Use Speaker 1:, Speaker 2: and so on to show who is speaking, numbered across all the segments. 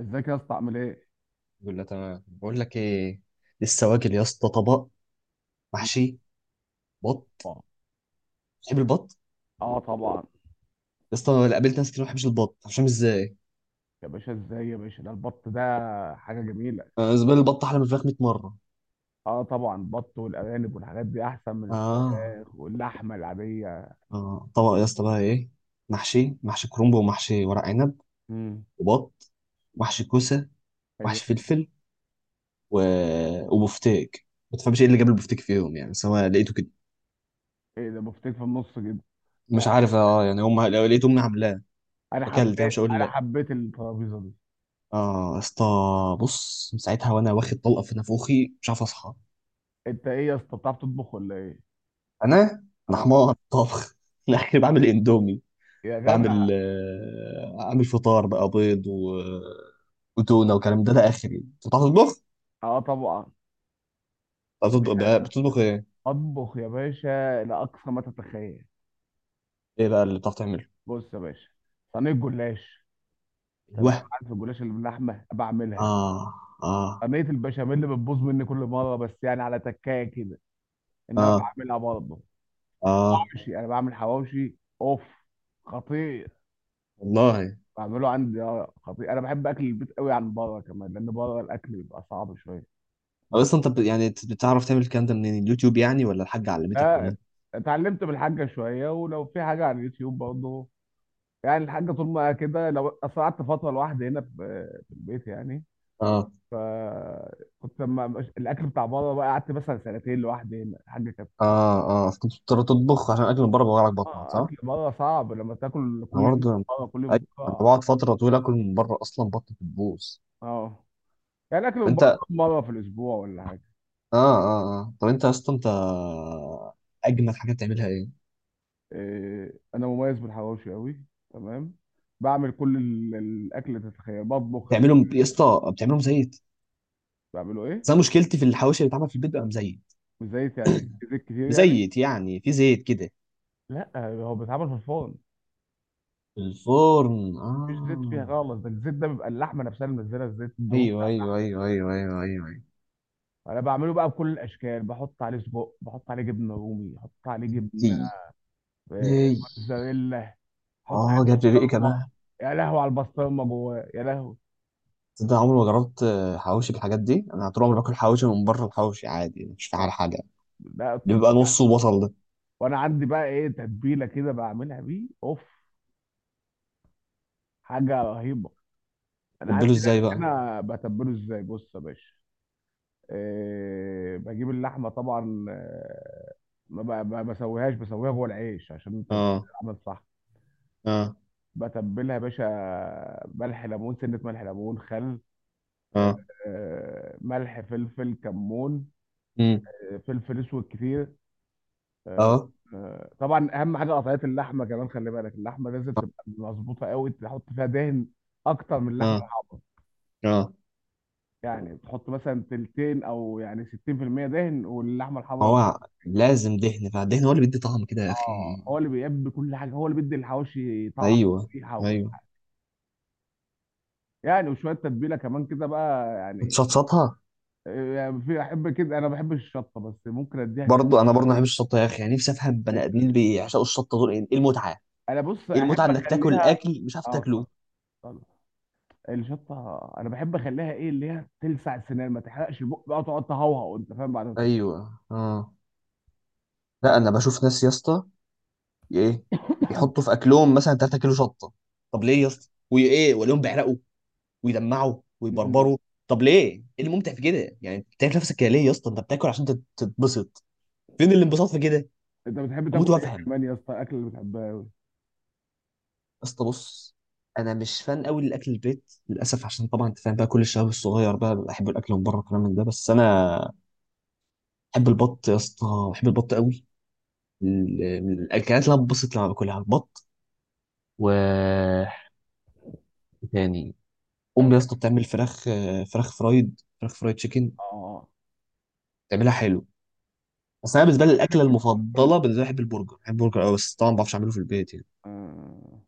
Speaker 1: ازيك يا اسطى عامل ايه؟
Speaker 2: الحمد لله تمام، بقول لك ايه. لسه واكل يا اسطى طبق محشي بط.
Speaker 1: اه.
Speaker 2: تحب البط؟
Speaker 1: آه طبعا.
Speaker 2: يا اسطى أنا قابلت ناس كتير ما بتحبش البط، مش فاهم ازاي.
Speaker 1: يا باشا ازاي يا باشا، ده البط ده حاجه جميله.
Speaker 2: أنا بالنسبه لي البط احلى من الفراخ 100 مره.
Speaker 1: اه طبعا، البط والارانب والحاجات دي احسن من
Speaker 2: اه
Speaker 1: الفراخ واللحمه العاديه.
Speaker 2: اه طبق يا اسطى بقى ايه، محشي، محشي كرنب ومحشي ورق عنب
Speaker 1: امم.
Speaker 2: وبط، محشي كوسه،
Speaker 1: ايوه.
Speaker 2: محشي فلفل و... وبفتيك. ما تفهمش ايه اللي جاب البفتيك فيهم يعني، بس هو لقيته كده.
Speaker 1: ايه ده، بفتيك في النص كده؟ لا.
Speaker 2: مش عارف، اه يعني هم لو لقيت امي عاملاه
Speaker 1: انا
Speaker 2: اكلت يعني،
Speaker 1: حبيت
Speaker 2: مش هقول
Speaker 1: انا
Speaker 2: لا.
Speaker 1: حبيت الترابيزه دي.
Speaker 2: اه يا اسطى، بص من ساعتها وانا واخد طلقه في نافوخي مش عارف اصحى.
Speaker 1: انت ايه يا اسطى، بتعرف تطبخ ولا ايه؟
Speaker 2: انا انا
Speaker 1: اه.
Speaker 2: حمار طبخ. لا انا بعمل اندومي،
Speaker 1: يا
Speaker 2: بعمل
Speaker 1: جدع.
Speaker 2: اعمل فطار بقى بيض و... وتونه وكلام ده. ده اخري، انت بتعرف تطبخ؟
Speaker 1: اه طبعا
Speaker 2: بتعرف
Speaker 1: يا
Speaker 2: تطبخ
Speaker 1: باشا،
Speaker 2: بتطبخ ايه؟
Speaker 1: اطبخ يا باشا لاقصى ما تتخيل.
Speaker 2: ايه بقى اللي بتعرف تعمله؟
Speaker 1: بص يا باشا، صينيه جلاش. تمام،
Speaker 2: ايوه،
Speaker 1: عارف الجلاش اللي باللحمه بعملها.
Speaker 2: اه اه
Speaker 1: صينيه البشاميل اللي بتبوظ مني كل مره، بس يعني على تكايه كده. انما
Speaker 2: اه
Speaker 1: بعملها برضه.
Speaker 2: اه،
Speaker 1: حواوشي، انا بعمل حواوشي اوف، خطير.
Speaker 2: والله.
Speaker 1: بعمله عندي خطير. انا بحب اكل البيت قوي عن بره، كمان لان بره الاكل بيبقى صعب شويه.
Speaker 2: أو
Speaker 1: مت-
Speaker 2: اصلا انت بتعرف تعمل الكلام ده منين؟ اليوتيوب يعني، ولا الحاجه علمتك، ولا
Speaker 1: آه،
Speaker 2: انت؟
Speaker 1: اتعلمت من الحاجه شويه، ولو في حاجه على اليوتيوب برضه. يعني الحاجه طول ما كده، لو أصل قعدت فتره لوحدي هنا في البيت يعني.
Speaker 2: اه
Speaker 1: فكنت لما الاكل بتاع بره بقى، قعدت مثلا سنتين لوحدي هنا، الحاجه كانت.
Speaker 2: اه اه، كنت بتضطر تطبخ عشان اكل من بره بوجعلك بطنك، صح؟
Speaker 1: اكل بره صعب لما تاكل
Speaker 2: انا
Speaker 1: كل يوم
Speaker 2: برضه،
Speaker 1: من بره، كل يوم
Speaker 2: ايوه،
Speaker 1: من
Speaker 2: انا
Speaker 1: بره.
Speaker 2: بقعد فتره طويله اكل من بره اصلا بطني بتبوظ.
Speaker 1: اه. يعني اكل من
Speaker 2: وانت،
Speaker 1: بره كم مره في الاسبوع ولا حاجه؟
Speaker 2: اه اه اه، طب انت يا اسطى، انت اجمد حاجه بتعملها ايه؟
Speaker 1: إيه، انا مميز بالحواوشي قوي. تمام. بعمل كل الاكل اللي تتخيل، بطبخ
Speaker 2: بتعملهم يا اسطى بتعملهم زيت؟
Speaker 1: بعمله
Speaker 2: بس
Speaker 1: ايه.
Speaker 2: انا مشكلتي في الحواوشي اللي بيتعمل في البيت بقى مزيت.
Speaker 1: بزيت يعني إيه؟ زيت كتير يعني.
Speaker 2: مزيت يعني في زيت كده.
Speaker 1: لا، هو بيتعمل في الفرن.
Speaker 2: في الفرن،
Speaker 1: مفيش زيت
Speaker 2: اه.
Speaker 1: فيها خالص، ده الزيت ده بيبقى اللحمه نفسها اللي منزله الزيت، الدهون
Speaker 2: ايوه
Speaker 1: بتاعتها.
Speaker 2: ايوه ايوه ايوه ايوه ايوه ايوه.
Speaker 1: انا بعمله بقى بكل الاشكال، بحط عليه سجق، بحط عليه جبنه رومي، بحط عليه جبنه
Speaker 2: دي
Speaker 1: آه،
Speaker 2: ايه؟
Speaker 1: موتزاريلا. حط عليه
Speaker 2: اه، جاب لي ريقي
Speaker 1: بسطرمه.
Speaker 2: كمان.
Speaker 1: يا لهوي على البسطرمه جواه، يا لهوي.
Speaker 2: تصدق عمري ما جربت حواوشي بالحاجات دي؟ انا طول عمري باكل حواوشي من بره، الحواوشي عادي مش
Speaker 1: اه.
Speaker 2: فاهم حاجه،
Speaker 1: لا.
Speaker 2: بيبقى نصه بصل ده.
Speaker 1: وانا عندي بقى ايه، تتبيله كده بعملها بيه اوف، حاجه رهيبه. انا عندي
Speaker 2: تبله
Speaker 1: ناس
Speaker 2: ازاي بقى؟
Speaker 1: هنا بتبله ازاي، بص يا باشا. إيه، بجيب اللحمه طبعا، ما بسويهاش، بسويها جوه العيش عشان
Speaker 2: اه
Speaker 1: تتعمل صح.
Speaker 2: اه
Speaker 1: بتبلها يا باشا، ملح ليمون سنه، ملح ليمون خل، آه،
Speaker 2: اه،
Speaker 1: ملح فلفل كمون،
Speaker 2: امم،
Speaker 1: فلفل اسود كتير، آه،
Speaker 2: اه
Speaker 1: طبعا اهم حاجه قطعيه اللحمه، كمان خلي بالك اللحمه لازم تبقى مظبوطه قوي، تحط فيها دهن اكتر من اللحمه
Speaker 2: اه
Speaker 1: الحمراء.
Speaker 2: اه.
Speaker 1: يعني تحط مثلا تلتين، او يعني 60% دهن واللحمه
Speaker 2: ما
Speaker 1: الحمراء.
Speaker 2: هو لازم دهن، فالدهن هو اللي بيدي طعم كده يا
Speaker 1: اه،
Speaker 2: اخي.
Speaker 1: هو اللي بيبي كل حاجه، هو اللي بيدي الحواوشي طعم
Speaker 2: ايوه
Speaker 1: وريحه وكل
Speaker 2: ايوه.
Speaker 1: حاجه. يعني وشويه تتبيله كمان كده بقى يعني،
Speaker 2: بتشطشطها؟
Speaker 1: يعني في احب كده، انا ما بحبش الشطه بس ممكن اديها
Speaker 2: برضو
Speaker 1: ست
Speaker 2: انا برضو ما بحبش الشطه يا اخي، يعني نفسي افهم بني ادمين
Speaker 1: كده.
Speaker 2: اللي بيعشقوا الشطه دول ايه، إيه المتعه؟
Speaker 1: انا بص
Speaker 2: ايه المتعه
Speaker 1: احب
Speaker 2: انك تاكل
Speaker 1: اخليها.
Speaker 2: اكل مش عارف
Speaker 1: اه
Speaker 2: تاكله؟
Speaker 1: اتفضل. اتفضل. الشطه انا بحب اخليها ايه اللي هي تلسع السنان، ما تحرقش البق بقى، تقعد تهوهو انت فاهم، بعدها تاكل.
Speaker 2: ايوه اه. لا انا بشوف ناس يا اسطى، ايه، بيحطوا في اكلهم مثلا 3 كيلو شطه. طب ليه يا اسطى، وايه وليهم بيعرقوا ويدمعوا
Speaker 1: مم.
Speaker 2: ويبربروا؟ طب ليه، ايه الممتع في كده يعني؟ بتاكل نفسك كده ليه يا اسطى، انت بتاكل عشان تتبسط، فين الانبساط في كده؟
Speaker 1: انت بتحب
Speaker 2: اموت
Speaker 1: تاكل ايه
Speaker 2: وافهم.
Speaker 1: كمان يا اسطى، الاكل اللي بتحبها أوي.
Speaker 2: اسطى بص، انا مش فان قوي للاكل البيت للاسف، عشان طبعا انت فاهم بقى كل الشباب الصغير بقى بحب الاكل من بره والكلام من ده. بس انا بحب البط يا اسطى، بحب البط قوي. من الاكلات اللي انا ببسط لما باكلها البط، و إيه تاني، امي يا اسطى بتعمل فراخ، فراخ فرايد، فراخ فرايد تشيكن،
Speaker 1: اه.
Speaker 2: بتعملها حلو. بس انا بالنسبه لي الاكله
Speaker 1: أنا كل
Speaker 2: المفضله بالنسبه لي، بحب البرجر، بحب البرجر قوي، بس طبعا ما بعرفش اعمله في البيت يعني.
Speaker 1: آه.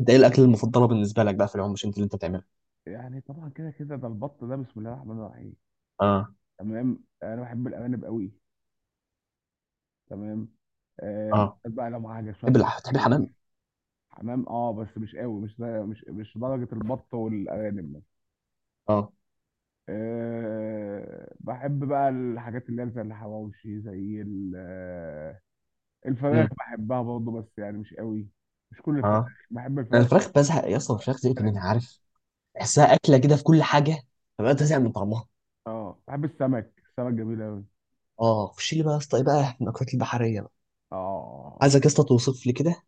Speaker 2: انت ايه الاكله المفضله بالنسبه لك بقى في العموم، مش انت اللي انت بتعملها؟
Speaker 1: يعني طبعا كده كده، ده البط ده بسم الله الرحمن الرحيم.
Speaker 2: اه
Speaker 1: تمام. انا بحب الارانب قوي. تمام. آه،
Speaker 2: اه.
Speaker 1: بالذات بقى لو معاها شويه.
Speaker 2: تحب الحمام؟
Speaker 1: حمام اه، بس مش قوي، مش درجه البط والارانب.
Speaker 2: اه،
Speaker 1: أه بحب بقى الحاجات اللي هي زي الحواوشي، زي الفراخ
Speaker 2: امم،
Speaker 1: بحبها برضه بس يعني مش قوي. مش كل الفراخ.
Speaker 2: اه.
Speaker 1: بحب
Speaker 2: انا
Speaker 1: الفراخ.
Speaker 2: الفراخ بزهق يا اسطى، الفراخ زهقت منها، عارف، بحسها اكله كده في كل حاجه، فبقيت ازهق من طعمها.
Speaker 1: اه بحب السمك، السمك جميل قوي.
Speaker 2: اه، خش لي بقى يا اسطى ايه بقى المأكولات البحريه بقى.
Speaker 1: اه
Speaker 2: عايزك يا اسطى توصف لي كده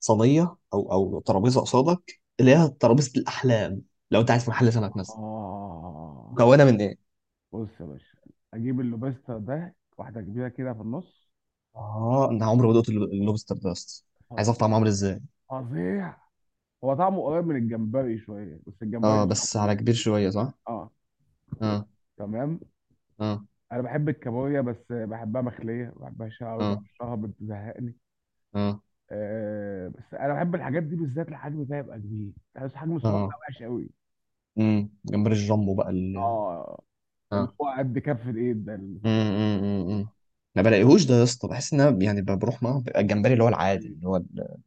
Speaker 2: صينيه او او ترابيزه قصادك اللي هي ترابيزه الاحلام، لو انت عايز في محل سمك مثلا،
Speaker 1: اه،
Speaker 2: مكونه من ايه؟
Speaker 1: بص يا باشا، اجيب اللوبستر ده، واحده كبيره كده في النص.
Speaker 2: اه انا عمري ما دقت اللوبستر ده يا اسطى، عايز
Speaker 1: فظيع،
Speaker 2: اعرف طعمه عامل ازاي.
Speaker 1: فظيع. هو طعمه قريب من الجمبري شويه، بس
Speaker 2: اه
Speaker 1: الجمبري
Speaker 2: بس
Speaker 1: شامبو له.
Speaker 2: على كبير شويه، صح؟
Speaker 1: اه.
Speaker 2: اه
Speaker 1: تمام.
Speaker 2: اه
Speaker 1: انا بحب الكابوريا، بس بحبها مخليه، ما بحبهاش قوي
Speaker 2: اه
Speaker 1: بقشرها بتزهقني.
Speaker 2: اه
Speaker 1: آه بس انا بحب الحاجات دي، بالذات الحجم ده يبقى كبير، بس الحجم الصغير ده
Speaker 2: اه.
Speaker 1: وحش قوي.
Speaker 2: امم، جمبري الجامبو بقى ال...
Speaker 1: اه. اللي
Speaker 2: اه،
Speaker 1: هو قد كف الايد ده اللي صح.
Speaker 2: امم. ما بلاقيهوش ده يا اسطى، بحس ان انا يعني بروح معاه، بيبقى
Speaker 1: حجم
Speaker 2: الجمبري اللي هو العادي
Speaker 1: السويسي.
Speaker 2: اللي هو ال-،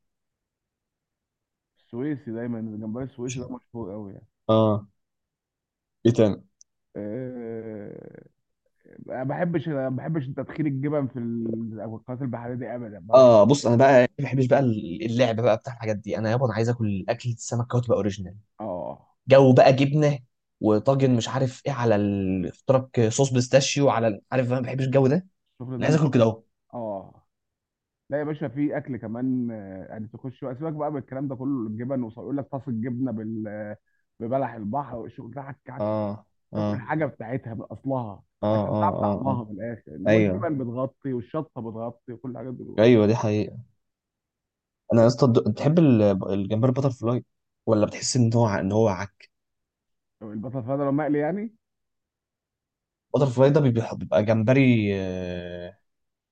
Speaker 1: السويسي دايما، الجمبري السويسي
Speaker 2: مش
Speaker 1: ده
Speaker 2: عارف.
Speaker 1: مشهور قوي يعني.
Speaker 2: اه، ايه تاني؟
Speaker 1: آه، ما بحبش تدخين الجبن في القنوات البحريه دي ابدا، ما بحبش.
Speaker 2: اه بص انا بقى ما بحبش بقى اللعب بقى بتاع الحاجات دي، انا يابا انا عايز اكل اكل السمك كده تبقى اوريجينال.
Speaker 1: اه.
Speaker 2: جو بقى جبنه وطاجن مش عارف ايه على ال... اختراق صوص بيستاشيو على ال-، عارف انا ما بحبش الجو ده،
Speaker 1: الشغل
Speaker 2: انا
Speaker 1: ده
Speaker 2: عايز
Speaker 1: مش.
Speaker 2: اكل كده اهو.
Speaker 1: اه. لا يا باشا، في اكل كمان، يعني تخش بقى، سيبك بقى من الكلام ده كله الجبن ويقول لك طاس الجبنه بال ببلح البحر والشغل ده.
Speaker 2: اه
Speaker 1: تاكل
Speaker 2: اه
Speaker 1: الحاجه بتاعتها باصلها
Speaker 2: اه
Speaker 1: عشان تعرف
Speaker 2: اه اه اه.
Speaker 1: طعمها من الاخر، انما
Speaker 2: ايوه،
Speaker 1: الجبن بتغطي والشطه بتغطي وكل الحاجات دي بتغطي.
Speaker 2: ايوه دي حقيقة. انا يا اسطى بتحب ال- الجمبري بتر فلاي، ولا بتحس ان هو ان هو،
Speaker 1: طب البطاطا لو مقلي يعني.
Speaker 2: بتر فلاي ده بيبقى جمبري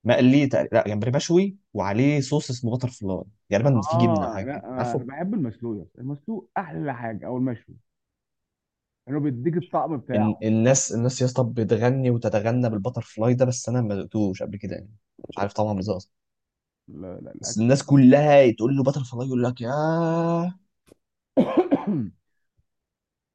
Speaker 2: مقلي تقريبا، لا جمبري مشوي وعليه صوص اسمه بتر فلاي، غالبا في جبنه او
Speaker 1: اه
Speaker 2: حاجه
Speaker 1: لا،
Speaker 2: كده
Speaker 1: انا
Speaker 2: عارفه.
Speaker 1: بحب المسلوق يا اسطى. المسلوق احلى حاجه، او المشوي، لانه بيديك الطعم
Speaker 2: ال-
Speaker 1: بتاعه.
Speaker 2: الناس يا اسطى بتغني وتتغنى بالبتر فلاي ده، بس انا ما دقتوش قبل كده يعني، مش عارف طعمه عامل ازاي اصلا.
Speaker 1: لا لا
Speaker 2: بس
Speaker 1: الاكل.
Speaker 2: الناس كلها تقول له بتر فلاي، يقول لك يا،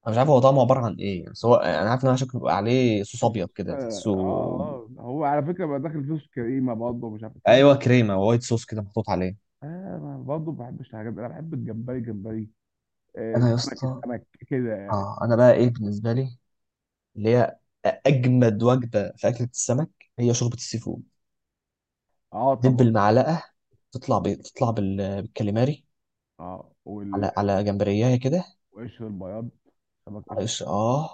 Speaker 2: انا مش عارف هو طعمه عباره عن ايه يعني، سواء انا عارف ان هو شكله بيبقى عليه صوص
Speaker 1: خصوص.
Speaker 2: ابيض كده
Speaker 1: اه
Speaker 2: تحسه.
Speaker 1: اه، هو على فكره بقى داخل فيه صوص كريمه برضه، ومش عارف الكلام.
Speaker 2: ايوه، كريمه، وايت صوص كده محطوط عليه.
Speaker 1: اه، ما برضه ما بحبش الحاجات دي. انا بحب الجمبري جمبري. آه
Speaker 2: انا يا
Speaker 1: السمك
Speaker 2: اسطى،
Speaker 1: السمك كده يعني.
Speaker 2: اه انا بقى ايه بالنسبه لي اللي هي اجمد وجبه في اكله السمك هي شوربه السي فود.
Speaker 1: اه
Speaker 2: دب
Speaker 1: طبعا.
Speaker 2: المعلقه تطلع بي... تطلع بال... بالكاليماري،
Speaker 1: اه
Speaker 2: على على جمبريايه كده،
Speaker 1: والقشر البياض، سمك
Speaker 2: على
Speaker 1: قشر.
Speaker 2: قش اه،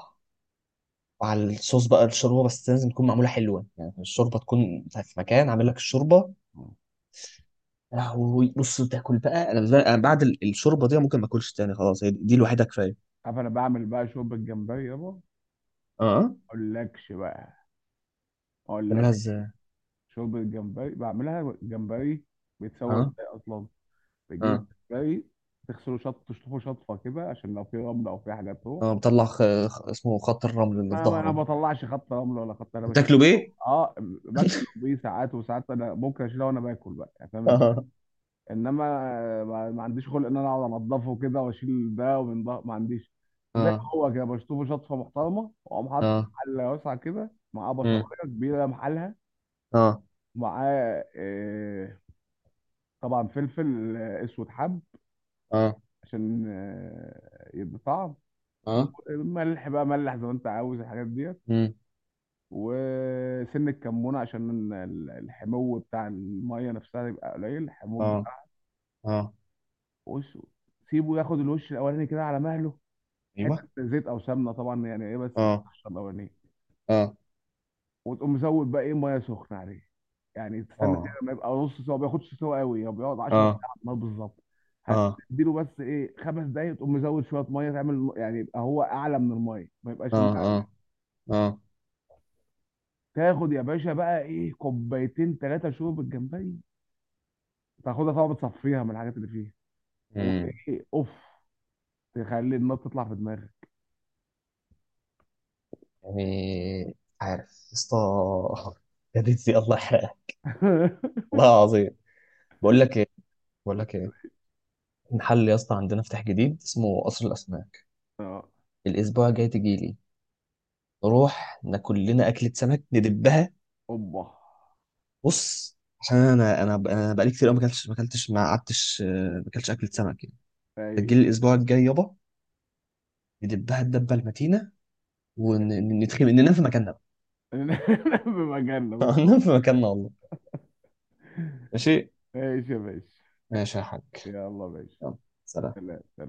Speaker 2: وعلى الصوص بقى الشوربه، بس لازم تكون معموله حلوه يعني، الشوربه تكون في مكان عامل لك الشوربه يا لهوي. بص، تاكل بقى، انا أنا بعد ال- الشوربه دي ممكن ما اكلش تاني خلاص، هي دي الوحيده كفايه.
Speaker 1: عارف انا بعمل بقى شوربه جمبري، يابا ما
Speaker 2: اه،
Speaker 1: اقولكش بقى. ما
Speaker 2: تعملها
Speaker 1: اقولكش.
Speaker 2: ازاي؟
Speaker 1: شوربه جمبري بعملها جمبري، بيتسوى
Speaker 2: اه
Speaker 1: ازاي اصلا؟ بتجيب
Speaker 2: اه
Speaker 1: الجمبري، تغسله تشطفه شطفه كده، عشان لو في رمله او في حاجه تروح.
Speaker 2: اه، بطلع خ... خ... اسمه خط الرمل اللي في
Speaker 1: ما انا
Speaker 2: ظهره.
Speaker 1: ما بطلعش خط رمله ولا خط، انا بشيل.
Speaker 2: بتاكله بايه؟
Speaker 1: اه. باكل بيه ساعات وساعات، انا ممكن اشيلها وانا باكل بقى يعني، فاهم. انما ما عنديش خلق ان انا اقعد انضفه كده واشيل ده ومن ده، ما عنديش.
Speaker 2: اه
Speaker 1: زي ما
Speaker 2: اه
Speaker 1: هو كده، بشطفه شطفه محترمه، واقوم حاطه في حله واسعه كده معاه، بصلايه
Speaker 2: اه
Speaker 1: كبيره محلها
Speaker 2: اه
Speaker 1: معاه، طبعا فلفل اسود حب
Speaker 2: اه
Speaker 1: عشان يدي طعم.
Speaker 2: اه،
Speaker 1: ملح بقى، ملح زي ما انت عاوز الحاجات ديت.
Speaker 2: امم،
Speaker 1: وسن الكمون عشان الحمو بتاع الميه نفسها يبقى قليل الحموض
Speaker 2: اه
Speaker 1: بتاعه.
Speaker 2: اه،
Speaker 1: وش سيبه ياخد الوش الاولاني كده على مهله،
Speaker 2: ايوه،
Speaker 1: حته زيت او سمنه طبعا يعني ايه، بس
Speaker 2: اه
Speaker 1: القشره الاولانيه.
Speaker 2: اه
Speaker 1: وتقوم مزود بقى ايه ميه سخنه عليه، يعني تستنى كده
Speaker 2: اه
Speaker 1: ما يبقى نص سوا، ما بياخدش سوا قوي، هو بيقعد 10 دقايق
Speaker 2: اه
Speaker 1: على النار بالظبط.
Speaker 2: اه
Speaker 1: هتديله بس ايه 5 دقايق، تقوم مزود شويه ميه تعمل يعني، يبقى هو اعلى من الميه ما
Speaker 2: اه
Speaker 1: يبقاش الميه.
Speaker 2: اه اه،
Speaker 1: تاخد يا باشا بقى ايه كوبايتين ثلاثه شوربه جمبري، تاخدها طبعا بتصفيها من الحاجات اللي فيها،
Speaker 2: امم.
Speaker 1: وايه اوف، تخلي النار تطلع في دماغك.
Speaker 2: يعني مش عارف يا اسطى، يا دي الله يحرقها. والله العظيم، بقول لك ايه، بقول لك ايه، محل يا اسطى عندنا فتح جديد اسمه قصر الاسماك.
Speaker 1: اه.
Speaker 2: الاسبوع الجاي تجي لي، نروح ناكل لنا اكله سمك ندبها.
Speaker 1: اوبا.
Speaker 2: بص، عشان انا انا بقالي كتير قوي ما اكلتش، ما قعدتش ما اكلتش اكله سمك يعني.
Speaker 1: اي.
Speaker 2: تجي لي الاسبوع الجاي يابا، ندبها الدبه المتينه، وندخل ننام في مكاننا بقى.
Speaker 1: بمجلة بالظبط.
Speaker 2: ننام في مكاننا والله. ماشي.
Speaker 1: ماشي يا باشا.
Speaker 2: ماشي يا حاج.
Speaker 1: يلا يا باشا.
Speaker 2: يلا، سلام.
Speaker 1: سلام.